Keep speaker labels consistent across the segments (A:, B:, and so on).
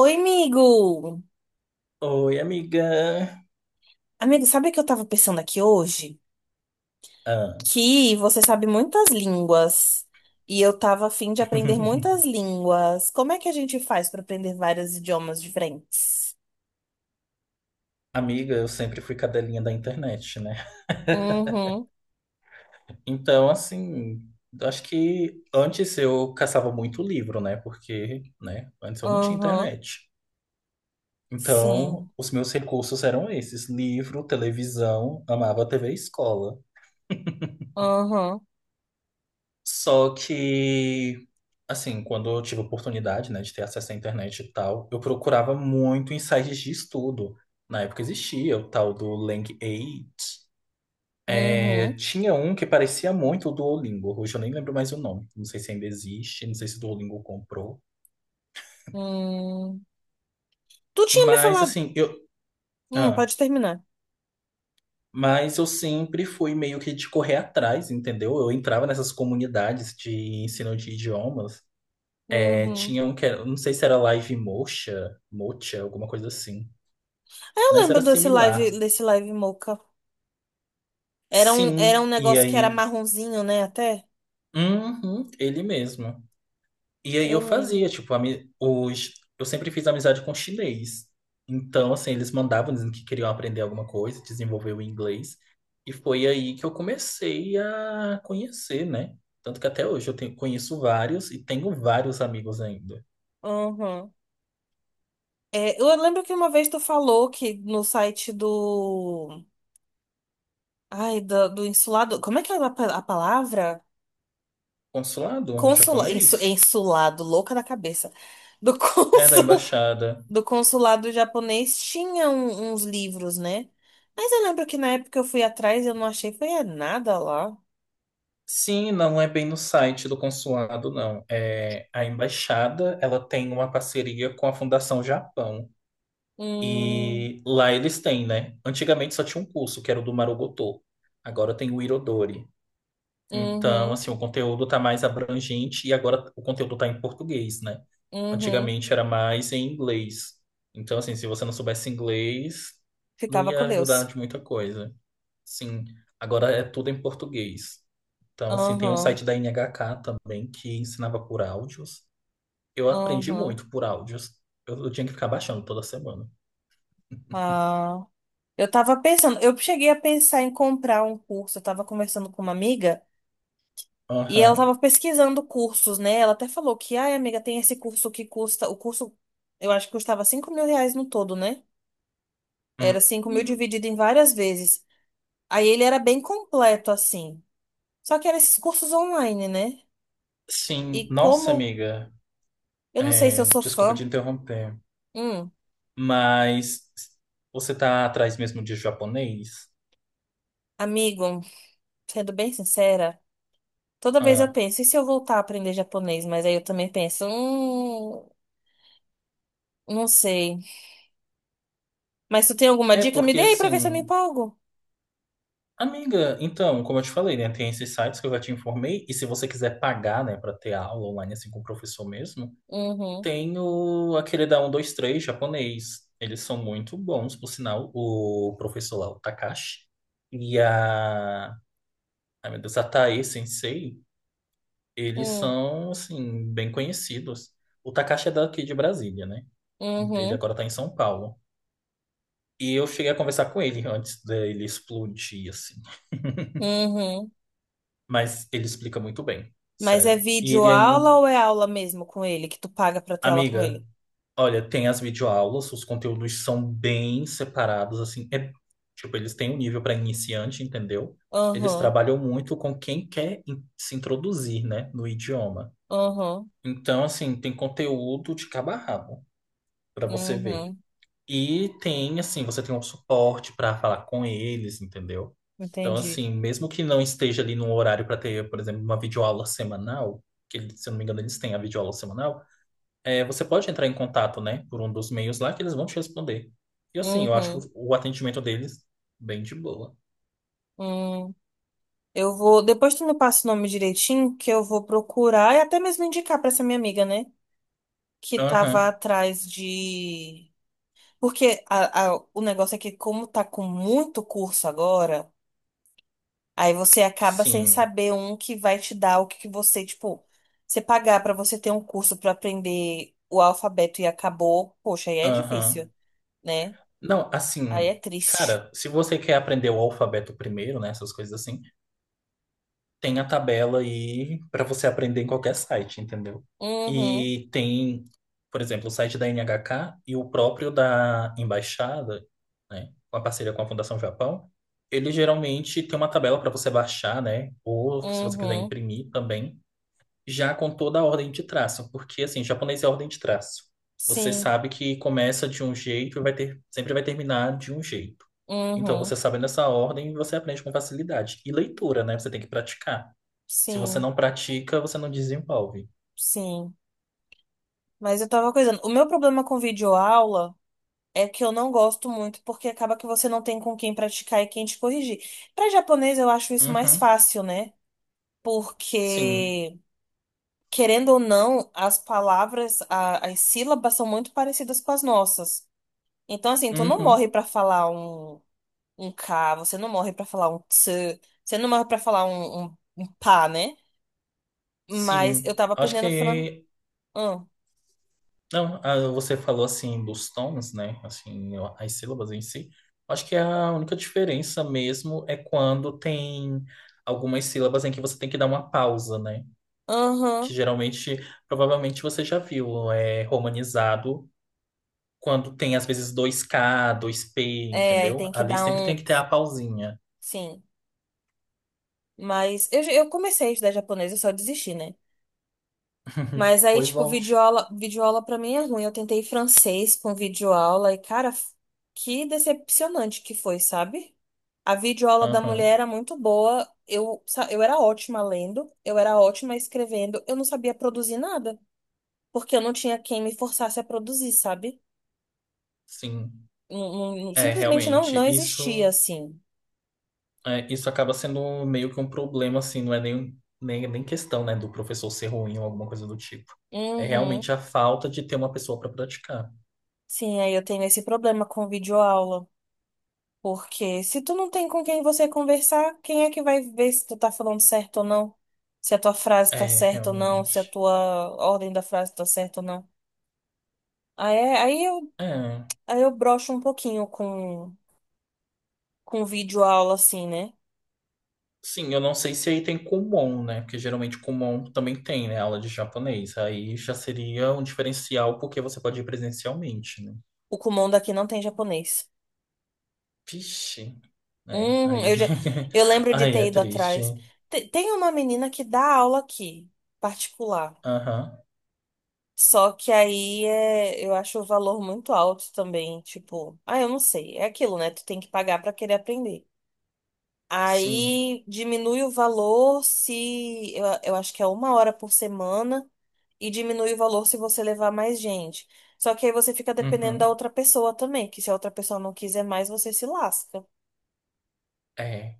A: Oi, amigo!
B: Oi, amiga.
A: Amigo, sabe o que eu tava pensando aqui hoje?
B: Ah.
A: Que você sabe muitas línguas e eu tava a fim de aprender muitas línguas. Como é que a gente faz pra aprender vários idiomas diferentes?
B: Amiga, eu sempre fui cadelinha da internet, né?
A: Uhum,
B: Então, assim, acho que antes eu caçava muito livro, né? Porque, né, antes eu não tinha
A: uhum,
B: internet.
A: sim,
B: Então, os meus recursos eram esses: livro, televisão, amava TV e escola.
A: uhum,
B: Só que, assim, quando eu tive oportunidade, né, de ter acesso à internet e tal, eu procurava muito em sites de estudo. Na época existia o tal do Lang 8. É,
A: uhum,
B: tinha um que parecia muito o Duolingo, hoje eu nem lembro mais o nome. Não sei se ainda existe, não sei se o Duolingo comprou.
A: hum. Tu tinha me
B: Mas
A: falado.
B: assim, ah,
A: Pode terminar.
B: mas eu sempre fui meio que de correr atrás, entendeu? Eu entrava nessas comunidades de ensino de idiomas. É,
A: Uhum.
B: tinha um que era, não sei se era Live Mocha, Mocha, alguma coisa assim.
A: Ah, eu
B: Mas era
A: lembro
B: similar.
A: desse live Mocha. Era um
B: Sim, e
A: negócio que era
B: aí?
A: marronzinho, né? Até.
B: Uhum, ele mesmo. E aí
A: Eu
B: eu
A: lembro.
B: fazia, tipo, eu sempre fiz amizade com chinês. Então, assim, eles mandavam dizendo que queriam aprender alguma coisa, desenvolver o inglês. E foi aí que eu comecei a conhecer, né? Tanto que até hoje eu conheço vários e tenho vários amigos ainda.
A: Uhum. É, eu lembro que uma vez tu falou que no site do. Ai, do, do insulado. Como é que é a, pa- a palavra?
B: Consulado
A: Consulado.
B: japonês?
A: Insulado, louca da cabeça. Do
B: É, da
A: consul,
B: embaixada.
A: do consulado japonês tinha um- uns livros, né? Mas eu lembro que na época eu fui atrás e eu não achei, foi é nada lá.
B: Sim, não é bem no site do consulado, não. É, a embaixada, ela tem uma parceria com a Fundação Japão.
A: Hum,
B: E lá eles têm, né? Antigamente só tinha um curso, que era o do Marugoto. Agora tem o Irodori. Então,
A: uhum,
B: assim, o conteúdo tá mais abrangente e agora o conteúdo tá em português, né?
A: uhum.
B: Antigamente era mais em inglês. Então, assim, se você não soubesse inglês, não
A: Ficava
B: ia
A: com
B: ajudar
A: Deus.
B: de muita coisa. Sim, agora é tudo em português. Então, assim, tem um
A: Uhum,
B: site da NHK também que ensinava por áudios. Eu aprendi
A: uhum.
B: muito por áudios. Eu tinha que ficar baixando toda semana.
A: Ah. Eu tava pensando, eu cheguei a pensar em comprar um curso, eu tava conversando com uma amiga e ela
B: Aham.
A: tava pesquisando cursos, né? Ela até falou que, ai, amiga, tem esse curso que custa, o curso, eu acho que custava R$ 5.000 no todo, né?
B: Hum,
A: Era 5.000
B: hum.
A: dividido em várias vezes. Aí ele era bem completo, assim. Só que eram esses cursos online, né? E
B: Sim, nossa
A: como,
B: amiga,
A: eu não sei se
B: é,
A: eu sou
B: desculpa te
A: fã,
B: interromper,
A: hum,
B: mas você tá atrás mesmo de japonês?
A: amigo, sendo bem sincera, toda vez eu
B: Ah,
A: penso, e se eu voltar a aprender japonês? Mas aí eu também penso, não sei. Mas tu tem alguma
B: é
A: dica? Me
B: porque
A: dê aí pra ver se eu me
B: assim,
A: empolgo.
B: amiga, então, como eu te falei, né, tem esses sites que eu já te informei, e se você quiser pagar, né, para ter aula online assim com o professor mesmo,
A: Uhum,
B: tem o, aquele da 123 japonês. Eles são muito bons, por sinal, o professor lá, o Takashi, e a, ai meu Deus, a Tae Sensei. Eles
A: uhum,
B: são, assim, bem conhecidos. O Takashi é daqui de Brasília, né? Ele
A: uhum,
B: agora tá em São Paulo. E eu cheguei a conversar com ele antes dele explodir, assim.
A: uhum.
B: Mas ele explica muito bem,
A: Mas é
B: sério. E
A: vídeo
B: ele ainda...
A: aula ou é aula mesmo com ele, que tu paga pra ter aula com
B: Amiga,
A: ele?
B: olha, tem as videoaulas, os conteúdos são bem separados, assim. É, tipo, eles têm um nível para iniciante, entendeu? Eles
A: Uhum,
B: trabalham muito com quem quer se introduzir, né, no idioma.
A: uhum,
B: Então, assim, tem conteúdo de cabo a rabo para você ver.
A: uhum.
B: E tem, assim, você tem um suporte para falar com eles, entendeu? Então,
A: Entendi.
B: assim, mesmo que não esteja ali num horário para ter, por exemplo, uma videoaula semanal, que se eu não me engano eles têm a videoaula semanal, é, você pode entrar em contato, né, por um dos meios lá que eles vão te responder. E, assim, eu acho
A: Uhum,
B: o atendimento deles bem de boa.
A: uhum. Eu vou. Depois tu me passa o nome direitinho, que eu vou procurar e até mesmo indicar pra essa minha amiga, né? Que tava
B: Aham,
A: atrás de. Porque a- o negócio é que, como tá com muito curso agora. Aí você acaba sem
B: sim,
A: saber um que vai te dar o que que você, tipo, você pagar pra você ter um curso pra aprender o alfabeto e acabou, poxa, aí é difícil,
B: aham.
A: né?
B: Não,
A: Aí é
B: assim,
A: triste.
B: cara, se você quer aprender o alfabeto primeiro, né, essas coisas assim. Tem a tabela aí para você aprender em qualquer site, entendeu?
A: Uhum,
B: E tem, por exemplo, o site da NHK e o próprio da embaixada, né, com a parceria com a Fundação Japão, ele geralmente tem uma tabela para você baixar, né, ou se você quiser
A: uhum,
B: imprimir também, já com toda a ordem de traço, porque assim, japonês é ordem de traço. Você
A: sim,
B: sabe que começa de um jeito e vai ter, sempre vai terminar de um jeito. Então,
A: uhum,
B: você sabendo essa ordem, você aprende com facilidade. E leitura, né? Você tem que praticar. Se você
A: sim,
B: não pratica, você não desenvolve.
A: sim. Mas eu tava coisando. O meu problema com videoaula é que eu não gosto muito, porque acaba que você não tem com quem praticar e quem te corrigir. Pra japonês eu acho isso mais
B: Uhum.
A: fácil, né?
B: Sim.
A: Porque querendo ou não, as palavras, a- as sílabas são muito parecidas com as nossas. Então, assim, tu não morre
B: Uhum.
A: pra falar um K, você não morre pra falar um ts, você não morre pra falar um pá, né? Mas eu
B: Sim.
A: tava
B: Acho
A: aprendendo fran...
B: que.
A: Aham,
B: Não, ah, você falou assim dos tons, né? Assim, as sílabas em si. Acho que a única diferença mesmo é quando tem algumas sílabas em que você tem que dar uma pausa, né? Que
A: aham.
B: geralmente, provavelmente você já viu, é romanizado quando tem às vezes dois k dois p
A: É, aí
B: entendeu?
A: tem que
B: Ali
A: dar
B: sempre
A: um...
B: tem que ter a pausinha.
A: Sim. Mas eu, já- eu comecei a estudar japonês, eu só desisti, né? Mas aí,
B: Pois
A: tipo,
B: volte.
A: videoaula, videoaula pra mim é ruim. Eu tentei francês com videoaula e, cara, que decepcionante que foi, sabe? A videoaula da
B: Aham,
A: mulher era muito boa. Eu, sa- eu era ótima lendo, eu era ótima escrevendo, eu não sabia produzir nada, porque eu não tinha quem me forçasse a produzir, sabe?
B: sim.
A: Não- não- não-
B: É,
A: simplesmente não,
B: realmente,
A: não existia
B: isso,
A: assim.
B: é, isso acaba sendo meio que um problema, assim, não é nem questão, né, do professor ser ruim ou alguma coisa do tipo. É
A: Uhum.
B: realmente a falta de ter uma pessoa para praticar.
A: Sim, aí eu tenho esse problema com videoaula. Porque se tu não tem com quem você conversar, quem é que vai ver se tu tá falando certo ou não? Se a tua frase tá
B: É,
A: certa ou não, se a
B: realmente.
A: tua ordem da frase tá certa ou não. Aí, é- aí eu,
B: É.
A: aí eu broxo um pouquinho com vídeo aula assim, né?
B: Sim, eu não sei se aí tem Kumon, né, porque geralmente Kumon também tem, né, aula de japonês. Aí já seria um diferencial porque você pode ir presencialmente, né.
A: O Kumon daqui não tem japonês.
B: Vixe. É, aí.
A: Eu já, eu lembro de
B: Aí
A: ter
B: é
A: ido
B: triste.
A: atrás. Te- Tem uma menina que dá aula aqui, particular.
B: Aham,
A: Só que aí é, eu acho o valor muito alto também, tipo, ah, eu não sei, é aquilo, né? Tu tem que pagar pra querer aprender.
B: sim.
A: Aí diminui o valor se eu acho que é uma hora por semana e diminui o valor se você levar mais gente. Só que aí você fica dependendo da
B: Uhum.
A: outra pessoa também, que se a outra pessoa não quiser mais, você se lasca.
B: É.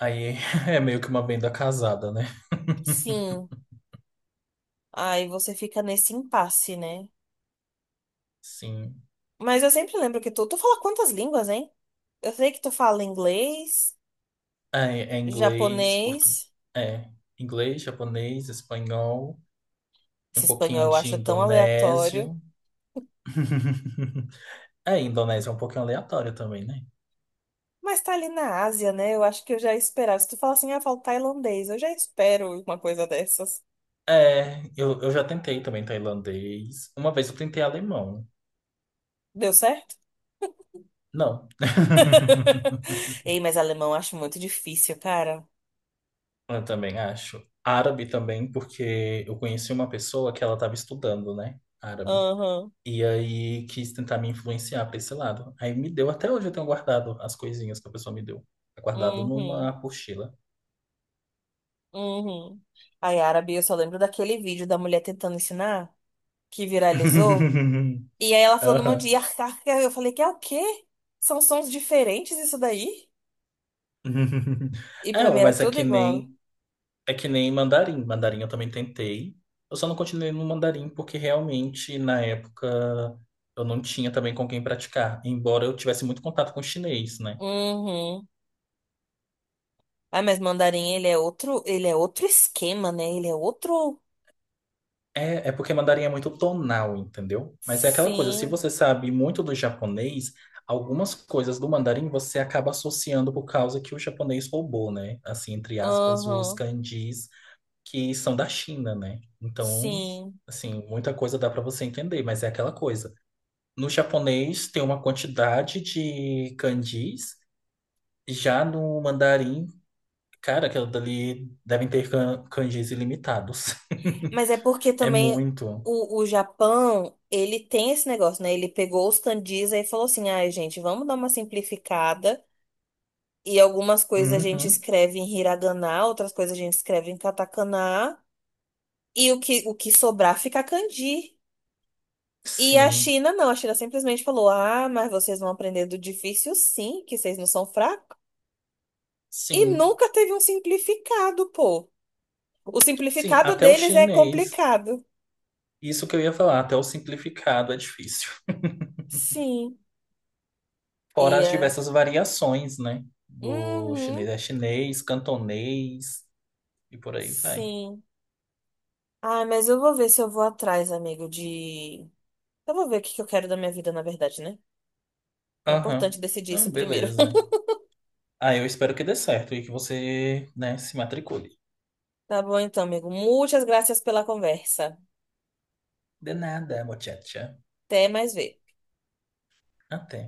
B: Aí é meio que uma venda casada, né?
A: Sim, aí você fica nesse impasse, né?
B: Sim.
A: Mas eu sempre lembro que tu fala quantas línguas, hein? Eu sei que tu fala inglês,
B: É, é inglês, portu...
A: japonês.
B: é inglês, japonês, espanhol,
A: Esse
B: um pouquinho
A: espanhol eu
B: de
A: acho tão aleatório.
B: indonésio. É, indonésio é um pouquinho aleatório também, né?
A: Mas tá ali na Ásia, né? Eu acho que eu já esperava. Se tu fala assim, ah, falo tailandês, eu já espero uma coisa dessas.
B: É, eu já tentei também tailandês. Uma vez eu tentei alemão.
A: Deu certo?
B: Não.
A: Ei, mas alemão eu acho muito difícil, cara.
B: Eu também acho. Árabe também, porque eu conheci uma pessoa que ela estava estudando, né? Árabe.
A: Aham,
B: E aí quis tentar me influenciar para esse lado. Aí me deu, até hoje eu tenho guardado as coisinhas que a pessoa me deu. É guardado numa
A: uhum,
B: apostila.
A: uhum. Aí, árabe, eu só lembro daquele vídeo da mulher tentando ensinar, que viralizou. E aí ela falando um monte de
B: Aham.
A: iar car eu falei, que é o quê? São sons diferentes isso daí? E
B: É,
A: pra mim era
B: mas
A: tudo igual.
B: é que nem mandarim. Mandarim eu também tentei. Eu só não continuei no mandarim porque realmente na época eu não tinha também com quem praticar. Embora eu tivesse muito contato com chinês, né?
A: Uhum. Ah, mas mandarim, ele é outro esquema, né? Ele é outro.
B: É, é porque mandarim é muito tonal, entendeu? Mas é aquela coisa, se
A: Sim.
B: você sabe muito do japonês, algumas coisas do mandarim você acaba associando por causa que o japonês roubou, né? Assim, entre aspas, os
A: Aham.
B: kanjis que são da China, né? Então,
A: Sim.
B: assim, muita coisa dá para você entender, mas é aquela coisa. No japonês tem uma quantidade de kanjis, já no mandarim, cara, aquilo dali devem ter kanjis ilimitados.
A: Mas é porque
B: É
A: também
B: muito.
A: o Japão, ele tem esse negócio, né? Ele pegou os kanjis aí e falou assim: ai, gente, vamos dar uma simplificada. E algumas coisas a gente
B: Uhum.
A: escreve em hiragana, outras coisas a gente escreve em katakana. E o que sobrar fica kanji. E a
B: Sim.
A: China não, a China simplesmente falou: ah, mas vocês vão aprender do difícil sim, que vocês não são fracos. E
B: Sim,
A: nunca teve um simplificado, pô. O
B: sim,
A: simplificado
B: até o
A: deles é
B: chinês,
A: complicado.
B: isso que eu ia falar, até o simplificado é difícil.
A: Sim.
B: Fora as
A: Ia.
B: diversas variações, né? Do
A: Uhum.
B: chinês é chinês, cantonês e por aí vai.
A: Sim. Ah, mas eu vou ver se eu vou atrás, amigo, de. Eu vou ver o que que eu quero da minha vida, na verdade, né? É importante
B: Aham.
A: decidir
B: Não,
A: isso primeiro.
B: beleza. Ah, eu espero que dê certo e que você, né, se matricule.
A: Tá bom, então, amigo. Muitas graças pela conversa.
B: De nada, mochacha.
A: Até mais ver.
B: Até.